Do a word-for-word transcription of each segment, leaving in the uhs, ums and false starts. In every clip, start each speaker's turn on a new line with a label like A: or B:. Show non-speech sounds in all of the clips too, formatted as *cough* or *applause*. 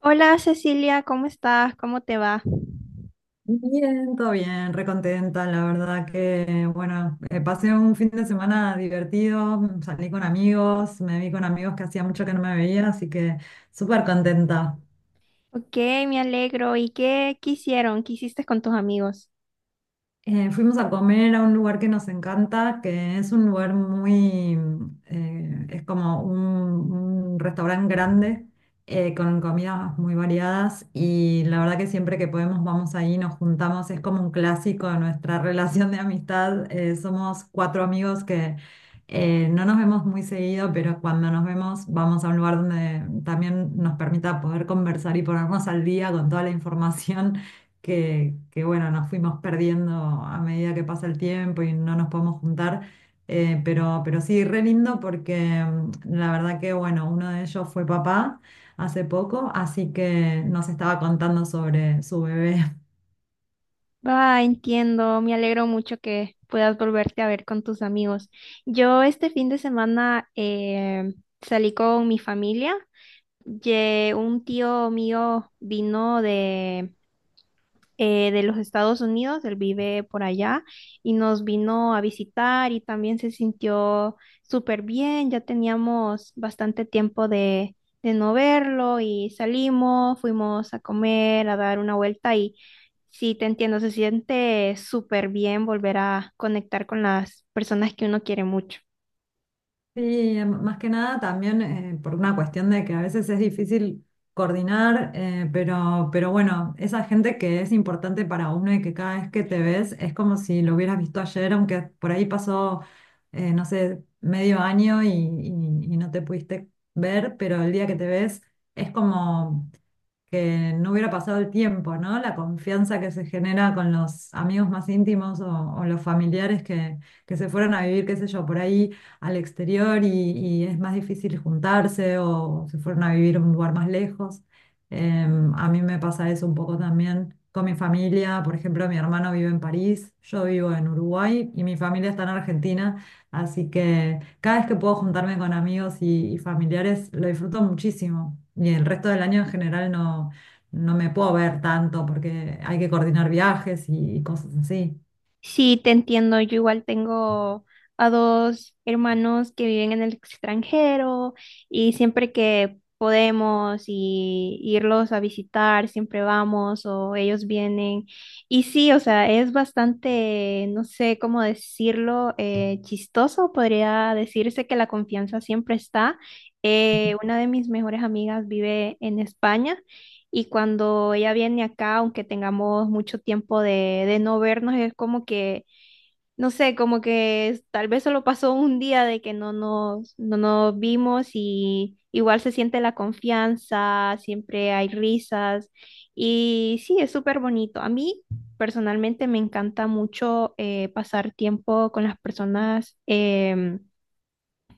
A: Hola Cecilia, ¿cómo estás? ¿Cómo te va?
B: Bien, todo bien, recontenta, la verdad que, bueno, eh, pasé un fin de semana divertido, mm, salí con amigos, me vi con amigos que hacía mucho que no me veía, así que súper contenta.
A: Ok, me alegro. ¿Y qué quisieron? ¿Qué hiciste con tus amigos?
B: Eh, fuimos a comer a un lugar que nos encanta, que es un lugar muy, eh, es como un, un restaurante grande, eh, con comidas muy variadas y la verdad que siempre que podemos vamos ahí, nos juntamos, es como un clásico de nuestra *laughs* relación de amistad. Eh, somos cuatro amigos que eh, no nos vemos muy seguido, pero cuando nos vemos vamos a un lugar donde también nos permita poder conversar y ponernos al día con toda la información que, que, bueno, nos fuimos perdiendo a medida que pasa el tiempo y no nos podemos juntar. eh, pero, pero sí, re lindo porque mm, la verdad que, bueno, uno de ellos fue papá hace poco, así que nos estaba contando sobre su bebé.
A: Ah, entiendo. Me alegro mucho que puedas volverte a ver con tus amigos. Yo este fin de semana eh, salí con mi familia. Ye- un tío mío vino eh, de los Estados Unidos, él vive por allá y nos vino a visitar y también se sintió súper bien, ya teníamos bastante tiempo de, de no verlo y salimos, fuimos a comer, a dar una vuelta y sí, te entiendo, se siente súper bien volver a conectar con las personas que uno quiere mucho.
B: Sí, em, más que nada también eh, por una cuestión de que a veces es difícil coordinar, eh, pero, pero bueno, esa gente que es importante para uno y que cada vez que te ves es como si lo hubieras visto ayer, aunque por ahí pasó, eh, no sé, medio año y, y- y no te pudiste ver, pero el día que te ves es como que no hubiera pasado el tiempo, ¿no? La confianza que se genera con los amigos más íntimos o, o los familiares que, que se fueron a vivir, qué sé yo, por ahí al exterior y, y es más difícil juntarse o se fueron a vivir a un lugar más lejos. Em, a mí me pasa eso un poco también con mi familia. Por ejemplo, mi hermano vive en París, yo vivo en Uruguay y mi familia está en Argentina. Así que cada vez que puedo juntarme con amigos y, y familiares lo disfruto muchísimo. Y el resto del año en general no, no me puedo ver tanto porque hay que coordinar viajes y, y cosas así.
A: Sí, te entiendo. Yo igual tengo a dos hermanos que viven en el extranjero y siempre que podemos y irlos a visitar, siempre vamos o ellos vienen. Y sí, o sea, es bastante, no sé cómo decirlo, eh, chistoso. Podría decirse que la confianza siempre está. Eh, una de mis mejores amigas vive en España. Y cuando ella viene acá, aunque tengamos mucho tiempo de, de no vernos, es como que, no sé, como que es- tal vez solo pasó un día de que no nos, no nos vimos y igual se siente la confianza, siempre hay risas y sí, es súper bonito. A mí personalmente me encanta mucho eh, pasar tiempo con las personas. em,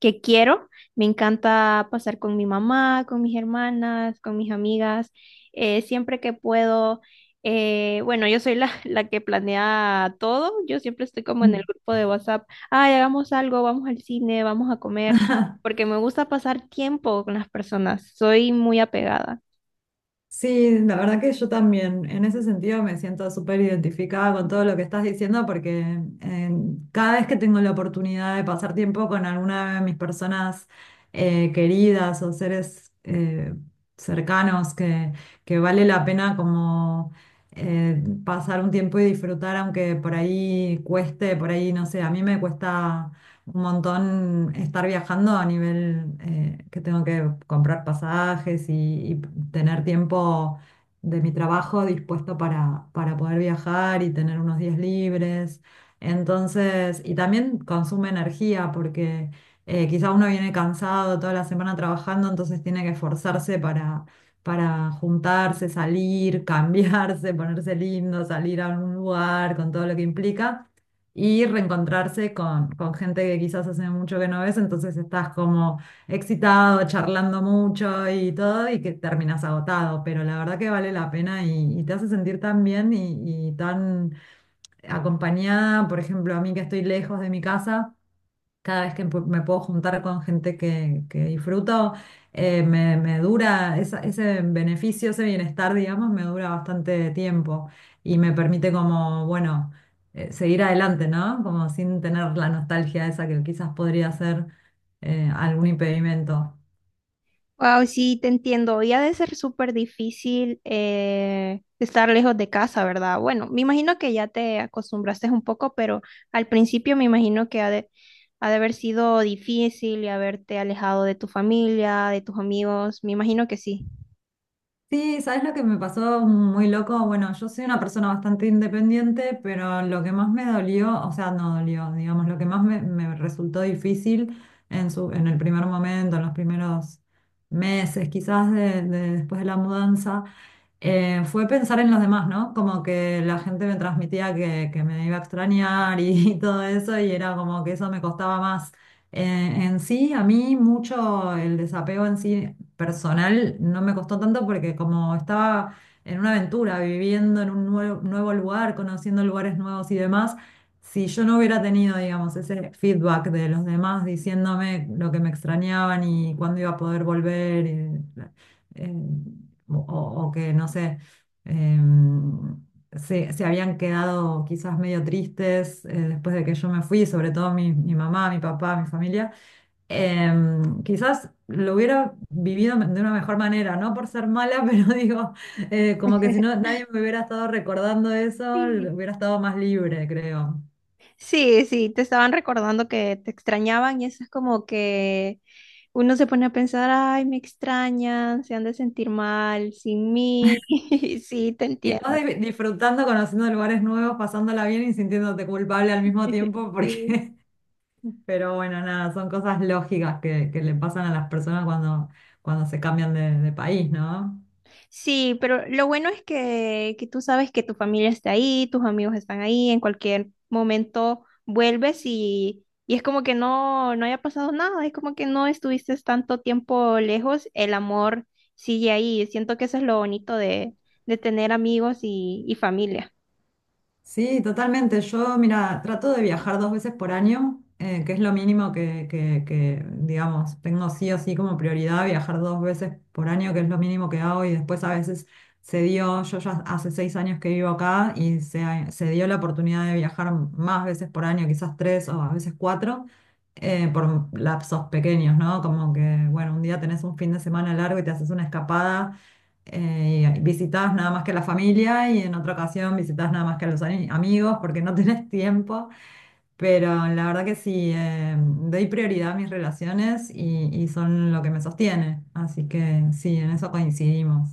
A: Que quiero. Me encanta pasar con mi mamá, con mis hermanas, con mis amigas, eh, siempre que puedo. Eh, bueno, yo soy la, *laughs* la que planea todo. Yo siempre estoy como en el grupo de WhatsApp. Ay, hagamos algo, vamos al cine, vamos a comer, porque me gusta pasar tiempo con las personas. Soy muy apegada.
B: Sí, la verdad que yo también en ese sentido me siento súper identificada con todo lo que estás diciendo porque eh, cada vez que tengo la oportunidad de pasar tiempo con alguna de mis personas eh, queridas o seres eh, cercanos que, que vale la pena como eh, pasar un tiempo y disfrutar aunque por ahí cueste, por ahí no sé, a mí me cuesta un montón estar viajando a nivel eh, que tengo que comprar pasajes y, y tener tiempo de mi trabajo dispuesto para, para poder viajar y tener unos días libres. Entonces, y también consume energía porque eh, quizá uno viene cansado toda la semana trabajando, entonces tiene que esforzarse para, para juntarse, salir, *laughs* cambiarse, ponerse lindo, salir a un lugar con todo lo que implica y reencontrarse con, con gente que quizás hace mucho que no ves, entonces estás como excitado, charlando mucho y todo, y que terminas agotado, pero la verdad que vale la pena y, y te hace sentir tan bien y, y tan acompañada, por ejemplo, a mí que estoy lejos de mi casa cada vez que pu- me puedo juntar con gente que, que disfruto, eh, me, me dura esa- ese beneficio, ese bienestar, digamos, me dura bastante tiempo y me permite como, bueno, eh, seguir adelante, ¿no? Como sin tener la nostalgia esa que quizás podría ser eh, algún impedimento.
A: Wow, sí, te entiendo. Y ha de ser súper difícil eh, estar lejos de casa, ¿verdad? Bueno, me imagino que ya te acostumbraste un poco, pero al principio me imagino que ha de, ha de haber sido difícil y haberte alejado de tu familia, de tus amigos. Me imagino que sí.
B: Sí, ¿sabes lo que me pasó muy loco? Bueno, yo soy una persona bastante independiente, pero lo que más me dolió, o sea, no dolió, digamos, lo que más me, me resultó difícil en su, en el primer momento, en los primeros meses, quizás de- de- después de la mudanza, eh, fue pensar en los demás, ¿no? Como que la gente me transmitía que, que me iba a extrañar y, *laughs* todo eso, y era como que eso me costaba más. Eh, en sí, a mí mucho el desapego en sí personal no me costó tanto porque como estaba en una aventura, viviendo en un nuevo, nuevo lugar, conociendo lugares nuevos y demás, si yo no hubiera tenido, digamos, ese feedback de los demás diciéndome lo que me extrañaban y cuándo iba a poder volver, y, eh, o, o- o que, no sé, em, se, se habían quedado quizás medio tristes eh, después de que yo me fui, sobre todo mi, mi mamá, mi papá, mi familia, em, quizás lo hubiera vivido me- de una mejor manera, no por ser mala, *laughs* pero digo, eh, como que si no
A: *laughs*
B: nadie me hubiera estado recordando eso, l-
A: Sí,
B: hubiera estado más libre, creo.
A: sí, sí, te estaban recordando que te extrañaban y eso es como que uno se pone a pensar, ay, me extrañan, se han de sentir mal sin mí. *laughs* Sí, te
B: Y vas
A: entiendo.
B: di- disfrutando, conociendo lugares nuevos, pasándola bien y sintiéndote culpable al mismo
A: *laughs*
B: tiempo
A: Sí.
B: porque. Pero bueno, nada, son cosas lógicas que, que le pasan a las personas cuando, cuando se cambian de, de país, ¿no?
A: Sí, pero lo bueno es que, que tú sabes que tu familia está ahí, tus amigos están ahí, en cualquier momento vuelves y, y es como que no, no haya pasado nada, es como que no estuviste tanto tiempo lejos, el amor sigue ahí. Siento que eso es lo bonito de, de tener amigos y, y familia.
B: Sí, totalmente. Yo, mira, trato de viajar dos veces por año, eh, que es lo mínimo que, que, que, digamos, tengo sí o sí como prioridad viajar dos veces por año, que es lo mínimo que hago. Y después a veces se dio, yo ya hace seis años que vivo acá y se, se dio la oportunidad de viajar más veces por año, quizás tres o a veces cuatro, eh, por lapsos pequeños, ¿no? Como que, bueno, un día tenés un fin de semana largo y te haces una escapada eh, visitabas nada más que la familia y en otra ocasión visitas nada más que a los ani- amigos porque no *laughs* tenés tiempo, pero la verdad que sí, eh, doy prioridad a mis relaciones y, y son lo que me sostiene, así que sí, en eso coincidimos.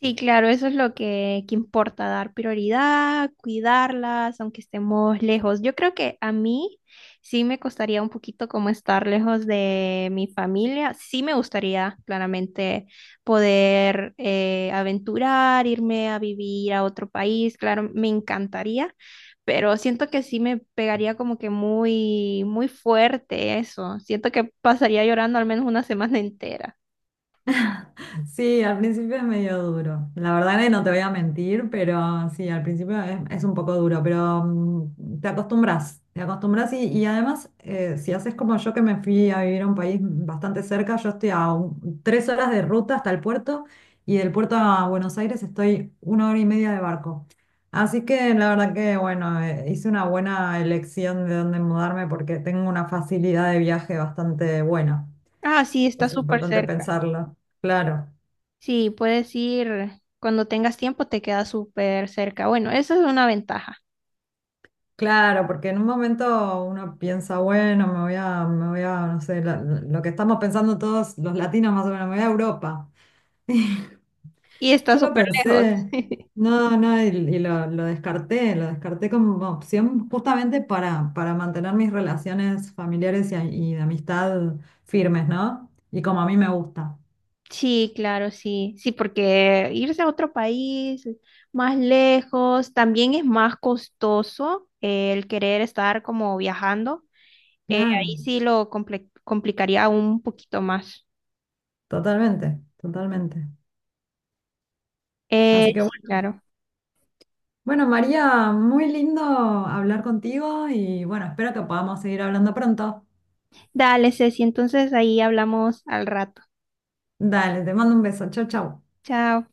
A: Sí, claro, eso es lo que, que importa, dar prioridad, cuidarlas, aunque estemos lejos. Yo creo que a mí sí me costaría un poquito como estar lejos de mi familia. Sí me gustaría claramente poder eh, aventurar, irme a vivir a otro país, claro, me encantaría, pero siento que sí me pegaría como que muy, muy fuerte eso. Siento que pasaría llorando al menos una *laughs* semana entera.
B: Sí, al principio es medio duro. La verdad que no te voy a mentir, pero sí, al principio es, es un poco duro, pero mm, te acostumbras, te acostumbras y, y además, eh, si haces como yo que me fui a vivir a un país bastante cerca, yo estoy a un- tres horas de ruta hasta el puerto y del puerto a Buenos Aires estoy una hora y media de barco. Así que la verdad que, bueno, eh, hice una buena elección de dónde mudarme porque tengo una facilidad de viaje bastante buena.
A: Ah, sí, está
B: Es
A: súper
B: importante
A: cerca.
B: pensarlo, claro.
A: Sí, puedes ir cuando tengas tiempo, te queda súper cerca. Bueno, esa es una ventaja.
B: Claro, porque en un momento uno piensa, bueno, me voy a, me voy a, no sé, la- lo que estamos pensando todos los latinos más o menos, me voy a Europa. *laughs*
A: Y está
B: Yo lo
A: súper lejos.
B: pensé,
A: *laughs*
B: no, no, y, y lo, lo descarté, lo descarté como opción justamente para, para mantener mis relaciones familiares y, a- y de amistad firmes, ¿no? Y como a mí me gusta.
A: Sí, claro, sí. Sí, porque irse a otro país más lejos también es más costoso eh, el querer estar como viajando. Eh,
B: Claro,
A: ahí sí lo comple- complicaría un poquito más.
B: totalmente, totalmente.
A: Eh,
B: Así que bueno,
A: sí, claro.
B: bueno, María, muy lindo hablar contigo y bueno, espero que podamos seguir hablando pronto.
A: Dale, Ceci, entonces ahí hablamos al rato.
B: Dale, te mando un beso. Chau, chau.
A: Chao.